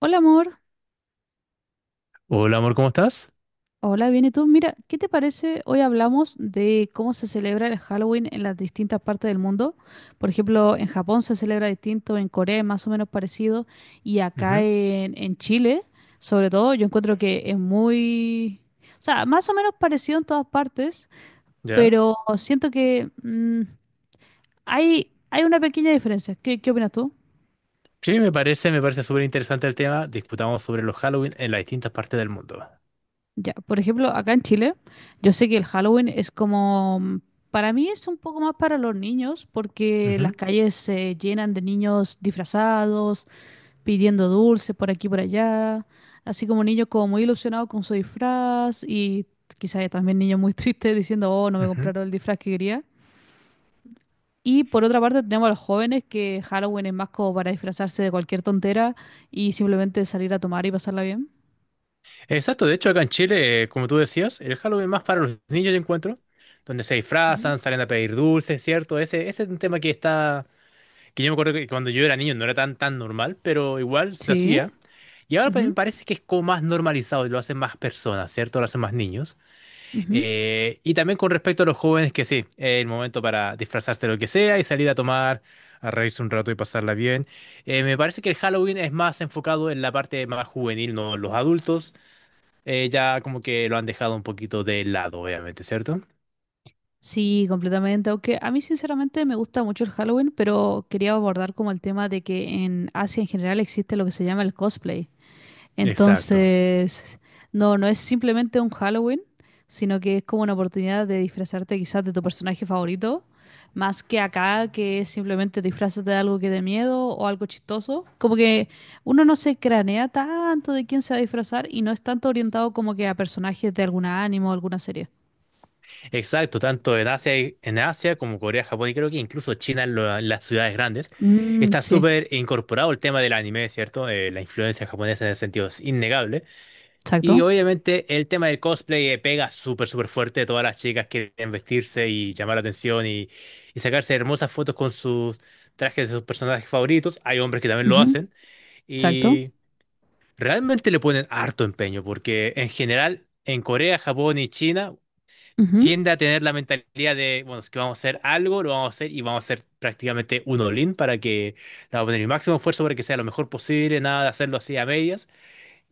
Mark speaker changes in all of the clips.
Speaker 1: Hola amor,
Speaker 2: Hola amor, ¿cómo estás?
Speaker 1: hola, bien, ¿y tú? Mira, ¿qué te parece? Hoy hablamos de cómo se celebra el Halloween en las distintas partes del mundo. Por ejemplo, en Japón se celebra distinto, en Corea es más o menos parecido, y acá
Speaker 2: Ujú,
Speaker 1: en Chile, sobre todo, yo encuentro que es muy... O sea, más o menos parecido en todas partes,
Speaker 2: ¿ya?
Speaker 1: pero siento que hay una pequeña diferencia. ¿Qué opinas tú?
Speaker 2: Sí, me parece súper interesante el tema. Discutamos sobre los Halloween en las distintas partes del mundo.
Speaker 1: Ya, por ejemplo, acá en Chile, yo sé que el Halloween es como, para mí es un poco más para los niños, porque las
Speaker 2: Ujú,
Speaker 1: calles se llenan de niños disfrazados, pidiendo dulces por aquí y por allá, así como niños como muy ilusionados con su disfraz y quizás también niños muy tristes diciendo, oh, no me
Speaker 2: ujú.
Speaker 1: compraron el disfraz que quería. Y por otra parte tenemos a los jóvenes que Halloween es más como para disfrazarse de cualquier tontera y simplemente salir a tomar y pasarla bien.
Speaker 2: Exacto, de hecho acá en Chile, como tú decías, el Halloween más para los niños yo encuentro, donde se
Speaker 1: Ujú.
Speaker 2: disfrazan, salen a pedir dulces, ¿cierto? Ese es un tema que está, que yo me acuerdo que cuando yo era niño no era tan, tan normal, pero igual se
Speaker 1: Sí.
Speaker 2: hacía. Y ahora me
Speaker 1: Ujú,
Speaker 2: parece que es como más normalizado y lo hacen más personas, ¿cierto? Lo hacen más niños.
Speaker 1: ujú.
Speaker 2: Y también con respecto a los jóvenes, que sí, es el momento para disfrazarse de lo que sea y salir a tomar, a reírse un rato y pasarla bien. Me parece que el Halloween es más enfocado en la parte más juvenil, no los adultos. Ya como que lo han dejado un poquito de lado, obviamente, ¿cierto?
Speaker 1: Sí, completamente. Aunque a mí sinceramente me gusta mucho el Halloween, pero quería abordar como el tema de que en Asia en general existe lo que se llama el cosplay.
Speaker 2: Exacto,
Speaker 1: Entonces, no es simplemente un Halloween, sino que es como una oportunidad de disfrazarte quizás de tu personaje favorito, más que acá que es simplemente disfrazarte de algo que dé miedo o algo chistoso. Como que uno no se cranea tanto de quién se va a disfrazar y no es tanto orientado como que a personajes de alguna anime o alguna serie.
Speaker 2: exacto, tanto en Asia, en Asia como Corea, Japón y creo que incluso China, en las ciudades grandes,
Speaker 1: Mm,
Speaker 2: está
Speaker 1: sí,
Speaker 2: súper incorporado el tema del anime, ¿cierto? La influencia japonesa en ese sentido es innegable. Y
Speaker 1: exacto.
Speaker 2: obviamente el tema del cosplay pega súper, súper fuerte. Todas las chicas quieren vestirse y llamar la atención y, sacarse hermosas fotos con sus trajes de sus personajes favoritos. Hay hombres que también lo
Speaker 1: Ujú,
Speaker 2: hacen
Speaker 1: exacto.
Speaker 2: y realmente le ponen harto empeño porque en general en Corea, Japón y China
Speaker 1: Ujú,
Speaker 2: tiende a tener la mentalidad de, bueno, es que vamos a hacer algo, lo vamos a hacer y vamos a hacer prácticamente un all para que, le vamos a poner el máximo esfuerzo para que sea lo mejor posible, nada de hacerlo así a medias,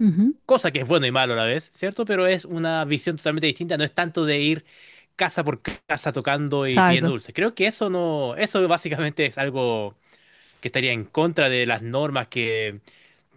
Speaker 1: ujú,
Speaker 2: cosa que es bueno y malo a la vez, ¿cierto? Pero es una visión totalmente distinta, no es tanto de ir casa por casa tocando y pidiendo
Speaker 1: exacto.
Speaker 2: dulces. Creo que eso no, eso básicamente es algo que estaría en contra de las normas que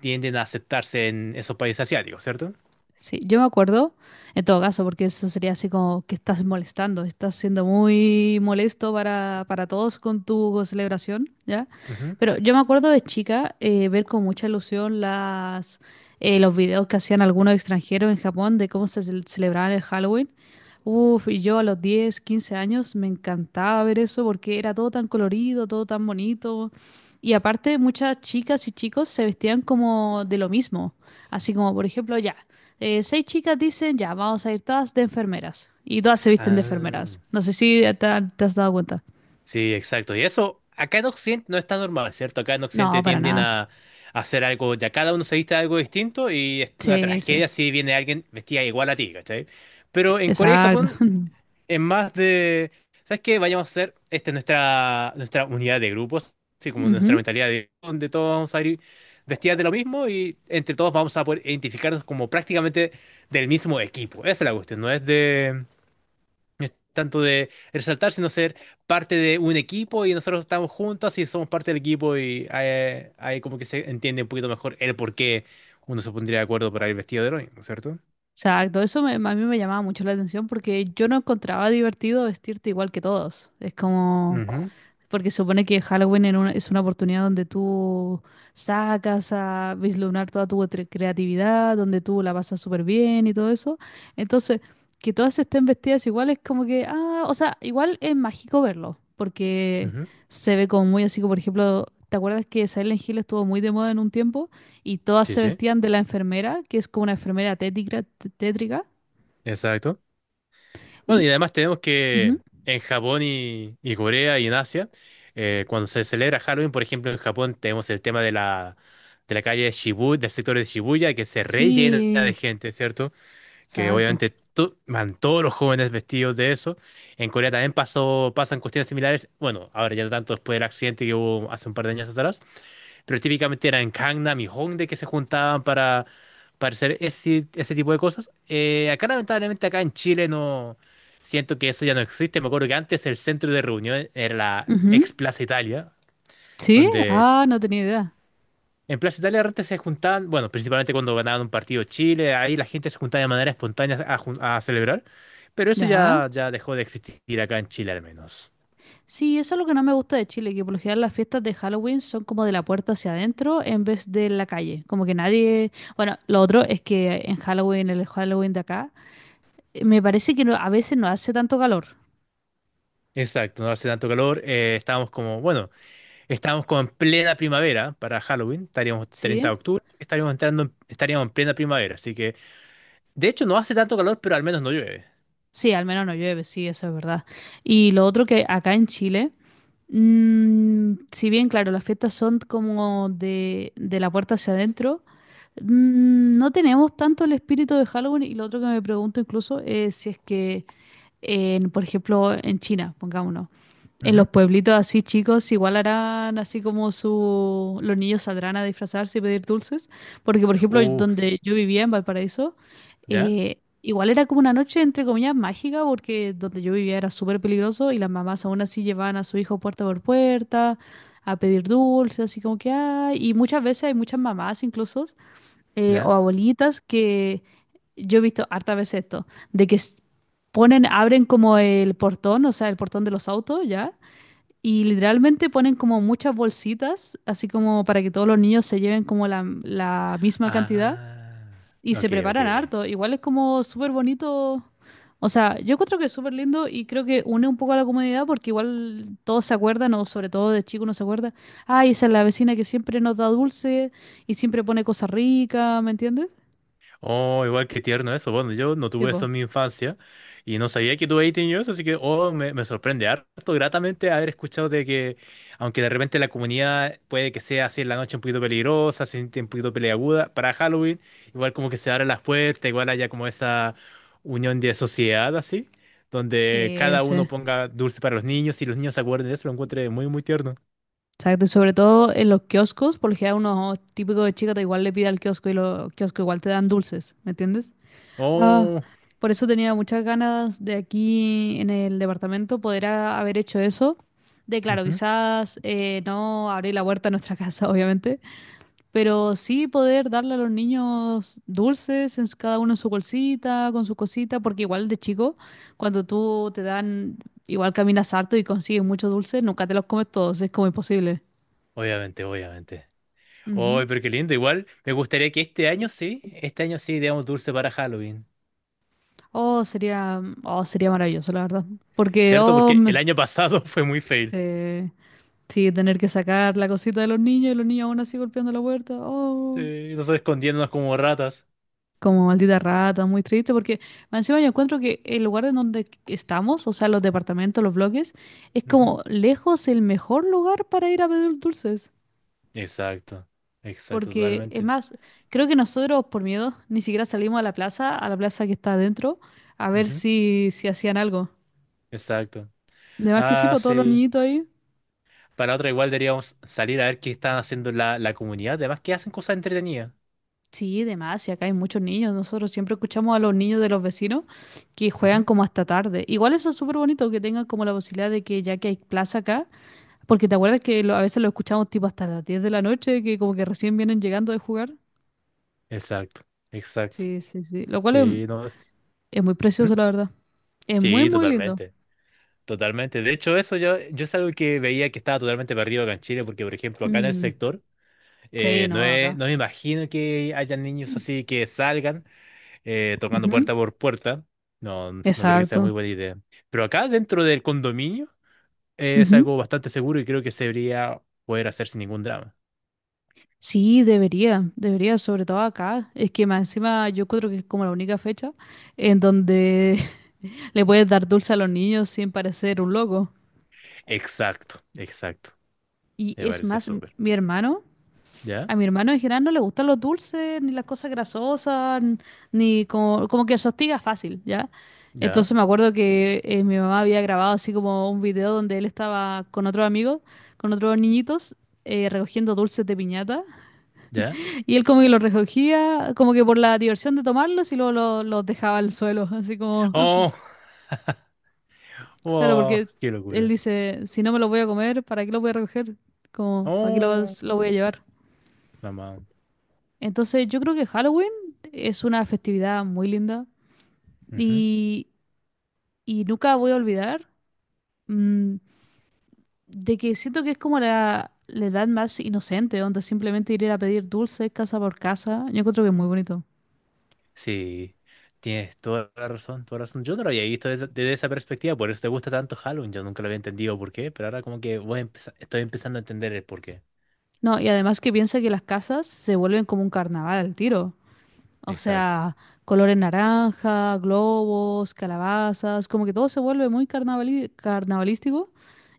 Speaker 2: tienden a aceptarse en esos países asiáticos, ¿cierto?
Speaker 1: Sí, yo me acuerdo, en todo caso, porque eso sería así como que estás molestando, estás siendo muy molesto para todos con tu celebración, ¿ya?
Speaker 2: Ujú.
Speaker 1: Pero yo me acuerdo de chica ver con mucha ilusión los videos que hacían algunos extranjeros en Japón de cómo se celebraban el Halloween. Uf, y yo a los 10, 15 años me encantaba ver eso porque era todo tan colorido, todo tan bonito. Y aparte, muchas chicas y chicos se vestían como de lo mismo. Así como, por ejemplo, ya seis chicas dicen, ya, vamos a ir todas de enfermeras. Y todas se visten de enfermeras.
Speaker 2: Ah,
Speaker 1: No sé si te, te has dado cuenta.
Speaker 2: sí, exacto. Y eso acá en Occidente no está normal, ¿cierto? Acá en
Speaker 1: No,
Speaker 2: Occidente
Speaker 1: para
Speaker 2: tienden
Speaker 1: nada.
Speaker 2: a, hacer algo, ya cada uno se viste de algo distinto y es una
Speaker 1: Sí, sí.
Speaker 2: tragedia si viene alguien vestida igual a ti, ¿cachai? Pero en Corea y
Speaker 1: Exacto.
Speaker 2: Japón es más de, ¿sabes qué? Vayamos a hacer, esta es nuestra, unidad de grupos, así como nuestra
Speaker 1: Ujú.
Speaker 2: mentalidad de donde todos vamos a ir vestidas de lo mismo y entre todos vamos a poder identificarnos como prácticamente del mismo equipo. Esa es la cuestión, no es de, no es tanto de resaltar, sino ser parte de un equipo y nosotros estamos juntos y somos parte del equipo y ahí, como que se entiende un poquito mejor el por qué uno se pondría de acuerdo para ir vestido de lo mismo, ¿cierto?
Speaker 1: Exacto. A mí me llamaba mucho la atención porque yo no encontraba divertido vestirte igual que todos. Es como...
Speaker 2: Ujú,
Speaker 1: Porque se supone que Halloween es una oportunidad donde tú sacas a vislumbrar toda tu creatividad, donde tú la pasas súper bien y todo eso. Entonces, que todas estén vestidas igual es como que, ah, o sea, igual es mágico verlo, porque
Speaker 2: ujú.
Speaker 1: se ve como muy así, como por ejemplo, ¿te acuerdas que Silent Hill estuvo muy de moda en un tiempo y todas
Speaker 2: Sí,
Speaker 1: se
Speaker 2: sí,
Speaker 1: vestían de la enfermera, que es como una enfermera tétrica?
Speaker 2: exacto. Bueno,
Speaker 1: Y,
Speaker 2: y además tenemos que
Speaker 1: ujú,
Speaker 2: en Japón y, Corea y en Asia, cuando se celebra Halloween, por ejemplo, en Japón tenemos el tema de la, calle de Shibuya, del sector de Shibuya, que se rellena de
Speaker 1: sí,
Speaker 2: gente, ¿cierto? Que
Speaker 1: exacto.
Speaker 2: obviamente van todos los jóvenes vestidos de eso. En Corea también pasó, pasan cuestiones similares. Bueno, ahora ya no tanto después del accidente que hubo hace un par de años atrás, pero típicamente era en Gangnam y Hongdae que se juntaban para, hacer ese, tipo de cosas. Acá, lamentablemente, acá en Chile no siento que eso ya no existe. Me acuerdo que antes el centro de reunión era la
Speaker 1: Ujú.
Speaker 2: ex Plaza Italia,
Speaker 1: Sí,
Speaker 2: donde
Speaker 1: ah, no tenía idea.
Speaker 2: en Plaza Italia antes se juntaban, bueno, principalmente cuando ganaban un partido Chile, ahí la gente se juntaba de manera espontánea a, a celebrar. Pero eso
Speaker 1: Ya.
Speaker 2: ya, dejó de existir acá en Chile al menos.
Speaker 1: Sí, eso es lo que no me gusta de Chile, que por lo general las fiestas de Halloween son como de la puerta hacia adentro en vez de la calle. Como que nadie... Bueno, lo otro es que en Halloween, el Halloween de acá, me parece que a veces no hace tanto calor,
Speaker 2: Exacto, no hace tanto calor. Estábamos como, bueno. Estábamos como en plena primavera para Halloween, estaríamos 30
Speaker 1: ¿sí?
Speaker 2: de octubre, así que estaríamos entrando, estaríamos en plena primavera, así que de hecho no hace tanto calor, pero al menos no llueve.
Speaker 1: Sí, al menos no llueve, sí, eso es verdad. Y lo otro que acá en Chile, si bien, claro, las fiestas son como de la puerta hacia adentro, no tenemos tanto el espíritu de Halloween y lo otro que me pregunto incluso es si es que... en, por ejemplo, en China, pongámonos. En los
Speaker 2: Ujú.
Speaker 1: pueblitos así chicos, igual harán así como su... los niños saldrán a disfrazarse y pedir dulces. Porque, por ejemplo,
Speaker 2: Uh,
Speaker 1: donde yo vivía en Valparaíso,
Speaker 2: ¿Ya?
Speaker 1: igual era como una noche, entre comillas, mágica, porque donde yo vivía era súper peligroso y las mamás aún así llevaban a su hijo puerta por puerta a pedir dulces, así como que hay. Y muchas veces hay muchas mamás incluso o
Speaker 2: ¿Ya?
Speaker 1: abuelitas que yo he visto harta veces esto, ponen, abren como el portón, o sea, el portón de los autos, ¿ya? Y literalmente ponen como muchas bolsitas, así como para que todos los niños se lleven como la misma cantidad
Speaker 2: Ah,
Speaker 1: y se
Speaker 2: ok,
Speaker 1: preparan
Speaker 2: ok.
Speaker 1: harto. Igual es como súper bonito. O sea, yo encuentro que es súper lindo y creo que une un poco a la comunidad porque igual todos se acuerdan, o sobre todo de chico uno se acuerda, ay, esa es la vecina que siempre nos da dulce y siempre pone cosas ricas, ¿me entiendes?
Speaker 2: Oh, igual que tierno eso. Bueno, yo no
Speaker 1: Sí,
Speaker 2: tuve eso
Speaker 1: po.
Speaker 2: en mi infancia y no sabía que tuve ahí tenido eso, así que oh, me, sorprende harto gratamente haber escuchado de que, aunque de repente la comunidad puede que sea así en la noche un poquito peligrosa, se siente un poquito peleaguda, para Halloween igual como que se abren las puertas, igual haya como esa unión de sociedad así, donde
Speaker 1: Sí,
Speaker 2: cada uno
Speaker 1: sí.
Speaker 2: ponga dulce para los niños y los niños se acuerden de eso, lo encuentre muy, muy tierno.
Speaker 1: Exacto. Y sobre todo en los kioscos, porque a unos típicos de chica te igual le pide al kiosco y los kioscos igual te dan dulces, ¿me entiendes? Ah,
Speaker 2: Oh,
Speaker 1: por eso tenía muchas ganas de aquí en el departamento haber hecho eso. De claro,
Speaker 2: ujú.
Speaker 1: quizás no abrir la puerta a nuestra casa, obviamente, pero sí poder darle a los niños dulces, cada uno en su bolsita, con su cosita, porque igual de chico, cuando tú te dan, igual caminas harto y consigues muchos dulces, nunca te los comes todos, es como imposible.
Speaker 2: Obviamente, obviamente. Oh,
Speaker 1: Ujú.
Speaker 2: pero qué lindo. Igual me gustaría que este año sí ideamos dulce para Halloween,
Speaker 1: Oh, sería maravilloso, la verdad. Porque,
Speaker 2: ¿cierto?
Speaker 1: oh,
Speaker 2: Porque el
Speaker 1: me-
Speaker 2: año pasado fue muy fail.
Speaker 1: eh, sí, tener que sacar la cosita de los niños y los niños aún así golpeando la puerta, oh.
Speaker 2: Sí, nosotros escondiéndonos como ratas.
Speaker 1: Como maldita rata, muy triste, porque más encima yo encuentro que el lugar en donde estamos, o sea, los departamentos, los bloques, es
Speaker 2: Ujú.
Speaker 1: como lejos el mejor lugar para ir a pedir dulces.
Speaker 2: Exacto, exacto,
Speaker 1: Porque es
Speaker 2: totalmente.
Speaker 1: más, creo que nosotros por miedo ni siquiera salimos a la plaza que está adentro, a ver
Speaker 2: Ujú,
Speaker 1: si hacían algo.
Speaker 2: exacto.
Speaker 1: De más que sí,
Speaker 2: Ah,
Speaker 1: por todos los
Speaker 2: sí.
Speaker 1: niñitos ahí.
Speaker 2: Para otra igual deberíamos salir a ver qué están haciendo la, comunidad, además que hacen cosas entretenidas.
Speaker 1: Sí, de más, y acá hay muchos niños. Nosotros siempre escuchamos a los niños de los vecinos que juegan
Speaker 2: Ujú.
Speaker 1: como hasta tarde. Igual eso es súper bonito que tengan como la posibilidad de que ya que hay plaza acá. Porque te acuerdas que a veces lo escuchamos tipo hasta las 10 de la noche, que como que recién vienen llegando de jugar.
Speaker 2: Exacto, exacto.
Speaker 1: Sí, sí, sí. Lo cual
Speaker 2: Sí, no.
Speaker 1: es muy
Speaker 2: ¿Mm?
Speaker 1: precioso, la verdad. Es muy,
Speaker 2: Sí,
Speaker 1: muy lindo.
Speaker 2: totalmente. Totalmente. De hecho, eso yo, es algo que veía que estaba totalmente perdido acá en Chile, porque, por ejemplo, acá en el
Speaker 1: Mm,
Speaker 2: sector,
Speaker 1: sí,
Speaker 2: no,
Speaker 1: no, acá.
Speaker 2: no me imagino que haya niños
Speaker 1: Mm.
Speaker 2: así que salgan tocando
Speaker 1: Ujú,
Speaker 2: puerta por puerta. No, no creo que sea muy
Speaker 1: exacto.
Speaker 2: buena idea. Pero acá, dentro del condominio, es
Speaker 1: Ujú.
Speaker 2: algo bastante seguro y creo que se debería poder hacer sin ningún drama.
Speaker 1: Sí, debería, debería, sobre todo acá. Es que más encima yo creo que es como la única fecha en donde le puedes dar dulce a los niños sin parecer un loco.
Speaker 2: Exacto, exacto.
Speaker 1: Y
Speaker 2: Me
Speaker 1: es
Speaker 2: parece
Speaker 1: más,
Speaker 2: súper.
Speaker 1: mi hermano.
Speaker 2: ¿Ya?
Speaker 1: A mi hermano en general no le gustan los dulces, ni las cosas grasosas, ni como, como que se hostiga fácil, ¿ya? Entonces
Speaker 2: ¿Ya?
Speaker 1: me acuerdo que mi mamá había grabado así como un video donde él estaba con otro amigo, con otros niñitos, recogiendo dulces de piñata.
Speaker 2: ¿Ya?
Speaker 1: Y él como que los recogía, como que por la diversión de tomarlos y luego los dejaba al suelo, así como...
Speaker 2: ¡Oh!
Speaker 1: Claro,
Speaker 2: ¡Wow!
Speaker 1: porque
Speaker 2: ¡Qué
Speaker 1: él
Speaker 2: locura!
Speaker 1: dice, si no me los voy a comer, ¿para qué los voy a recoger? Como, ¿para qué
Speaker 2: ¡Oh!
Speaker 1: los voy a llevar?
Speaker 2: Mamá.
Speaker 1: Entonces, yo creo que Halloween es una festividad muy linda y, y nunca voy a olvidar mm, de que siento que es como la edad más inocente, donde simplemente ir a pedir dulces casa por casa. Yo encuentro que es muy bonito.
Speaker 2: Sí, tienes toda la razón, toda la razón. Yo no lo había visto desde, esa perspectiva, por eso te gusta tanto Halloween. Yo nunca lo había entendido por qué, pero ahora como que voy a estoy empezando a entender el por qué.
Speaker 1: No, y además que piensa que las casas se vuelven como un carnaval al tiro. O
Speaker 2: Exacto.
Speaker 1: sea, colores naranja, globos, calabazas, como que todo se vuelve muy carnavalístico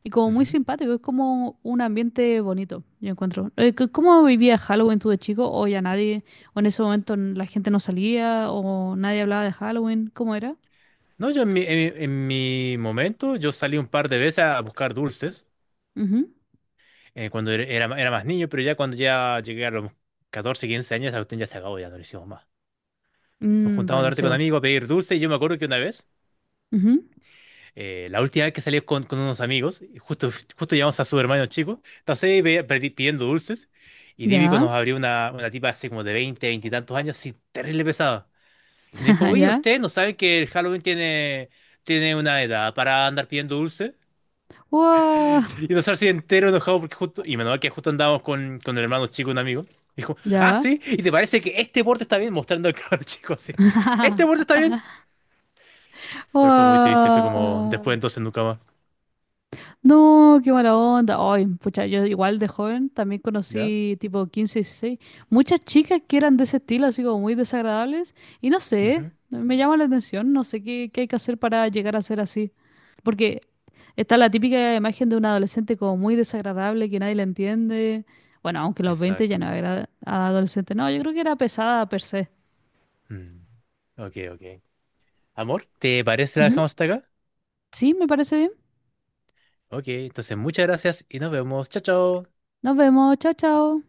Speaker 1: y como muy
Speaker 2: Ujú.
Speaker 1: simpático. Es como un ambiente bonito, yo encuentro. ¿Cómo vivía Halloween tú de chico? ¿O ya nadie, o en ese momento la gente no salía, o nadie hablaba de Halloween? ¿Cómo era?
Speaker 2: No, yo en mi, en mi momento, yo salí un par de veces a buscar dulces
Speaker 1: Ujú.
Speaker 2: cuando era, era más niño, pero ya cuando ya llegué a los 14, 15 años, esa cuestión ya se acabó, ya no lo hicimos más. Nos
Speaker 1: Mm,
Speaker 2: juntábamos a
Speaker 1: bueno,
Speaker 2: darte
Speaker 1: sí,
Speaker 2: con
Speaker 1: bueno.
Speaker 2: amigos a pedir dulce y yo me acuerdo que una vez,
Speaker 1: Ujú.
Speaker 2: La última vez que salí con, unos amigos, justo, llegamos a su hermano chico, entonces ahí pidiendo dulces y típico
Speaker 1: Ya,
Speaker 2: nos abrió una, tipa así como de 20 20 y tantos años, así terrible pesada. Y me dijo, oye,
Speaker 1: ya.
Speaker 2: ¿ustedes no saben que el Halloween tiene, una edad para andar pidiendo dulces?
Speaker 1: ¡Wow!
Speaker 2: Y nosotros así entero enojado porque justo, y menos mal que justo andábamos con, el hermano chico, un amigo. Dijo, ah,
Speaker 1: Ya.
Speaker 2: sí, ¿y te parece que este borde está bien? Mostrando al cabro chico así. ¿Este borde está bien? Pero fue muy triste, fue como después
Speaker 1: ¡Wow!
Speaker 2: entonces nunca más.
Speaker 1: No, qué mala onda. Ay, pucha, yo igual de joven también
Speaker 2: ¿Ya?
Speaker 1: conocí tipo 15, 16, muchas chicas que eran de ese estilo, así como muy desagradables, y no sé,
Speaker 2: Ujú.
Speaker 1: me llama la atención, no sé qué hay que hacer para llegar a ser así. Porque está la típica imagen de un adolescente como muy desagradable, que nadie le entiende. Bueno, aunque a los 20 ya
Speaker 2: Exacto.
Speaker 1: no era adolescente, no, yo creo que era pesada per se.
Speaker 2: Mm, ok, ok. Amor, ¿te parece si la
Speaker 1: Ujú.
Speaker 2: dejamos hasta acá?
Speaker 1: Sí, me parece bien.
Speaker 2: Ok, entonces muchas gracias y nos vemos. Chao, chao.
Speaker 1: Nos vemos, chao, chao.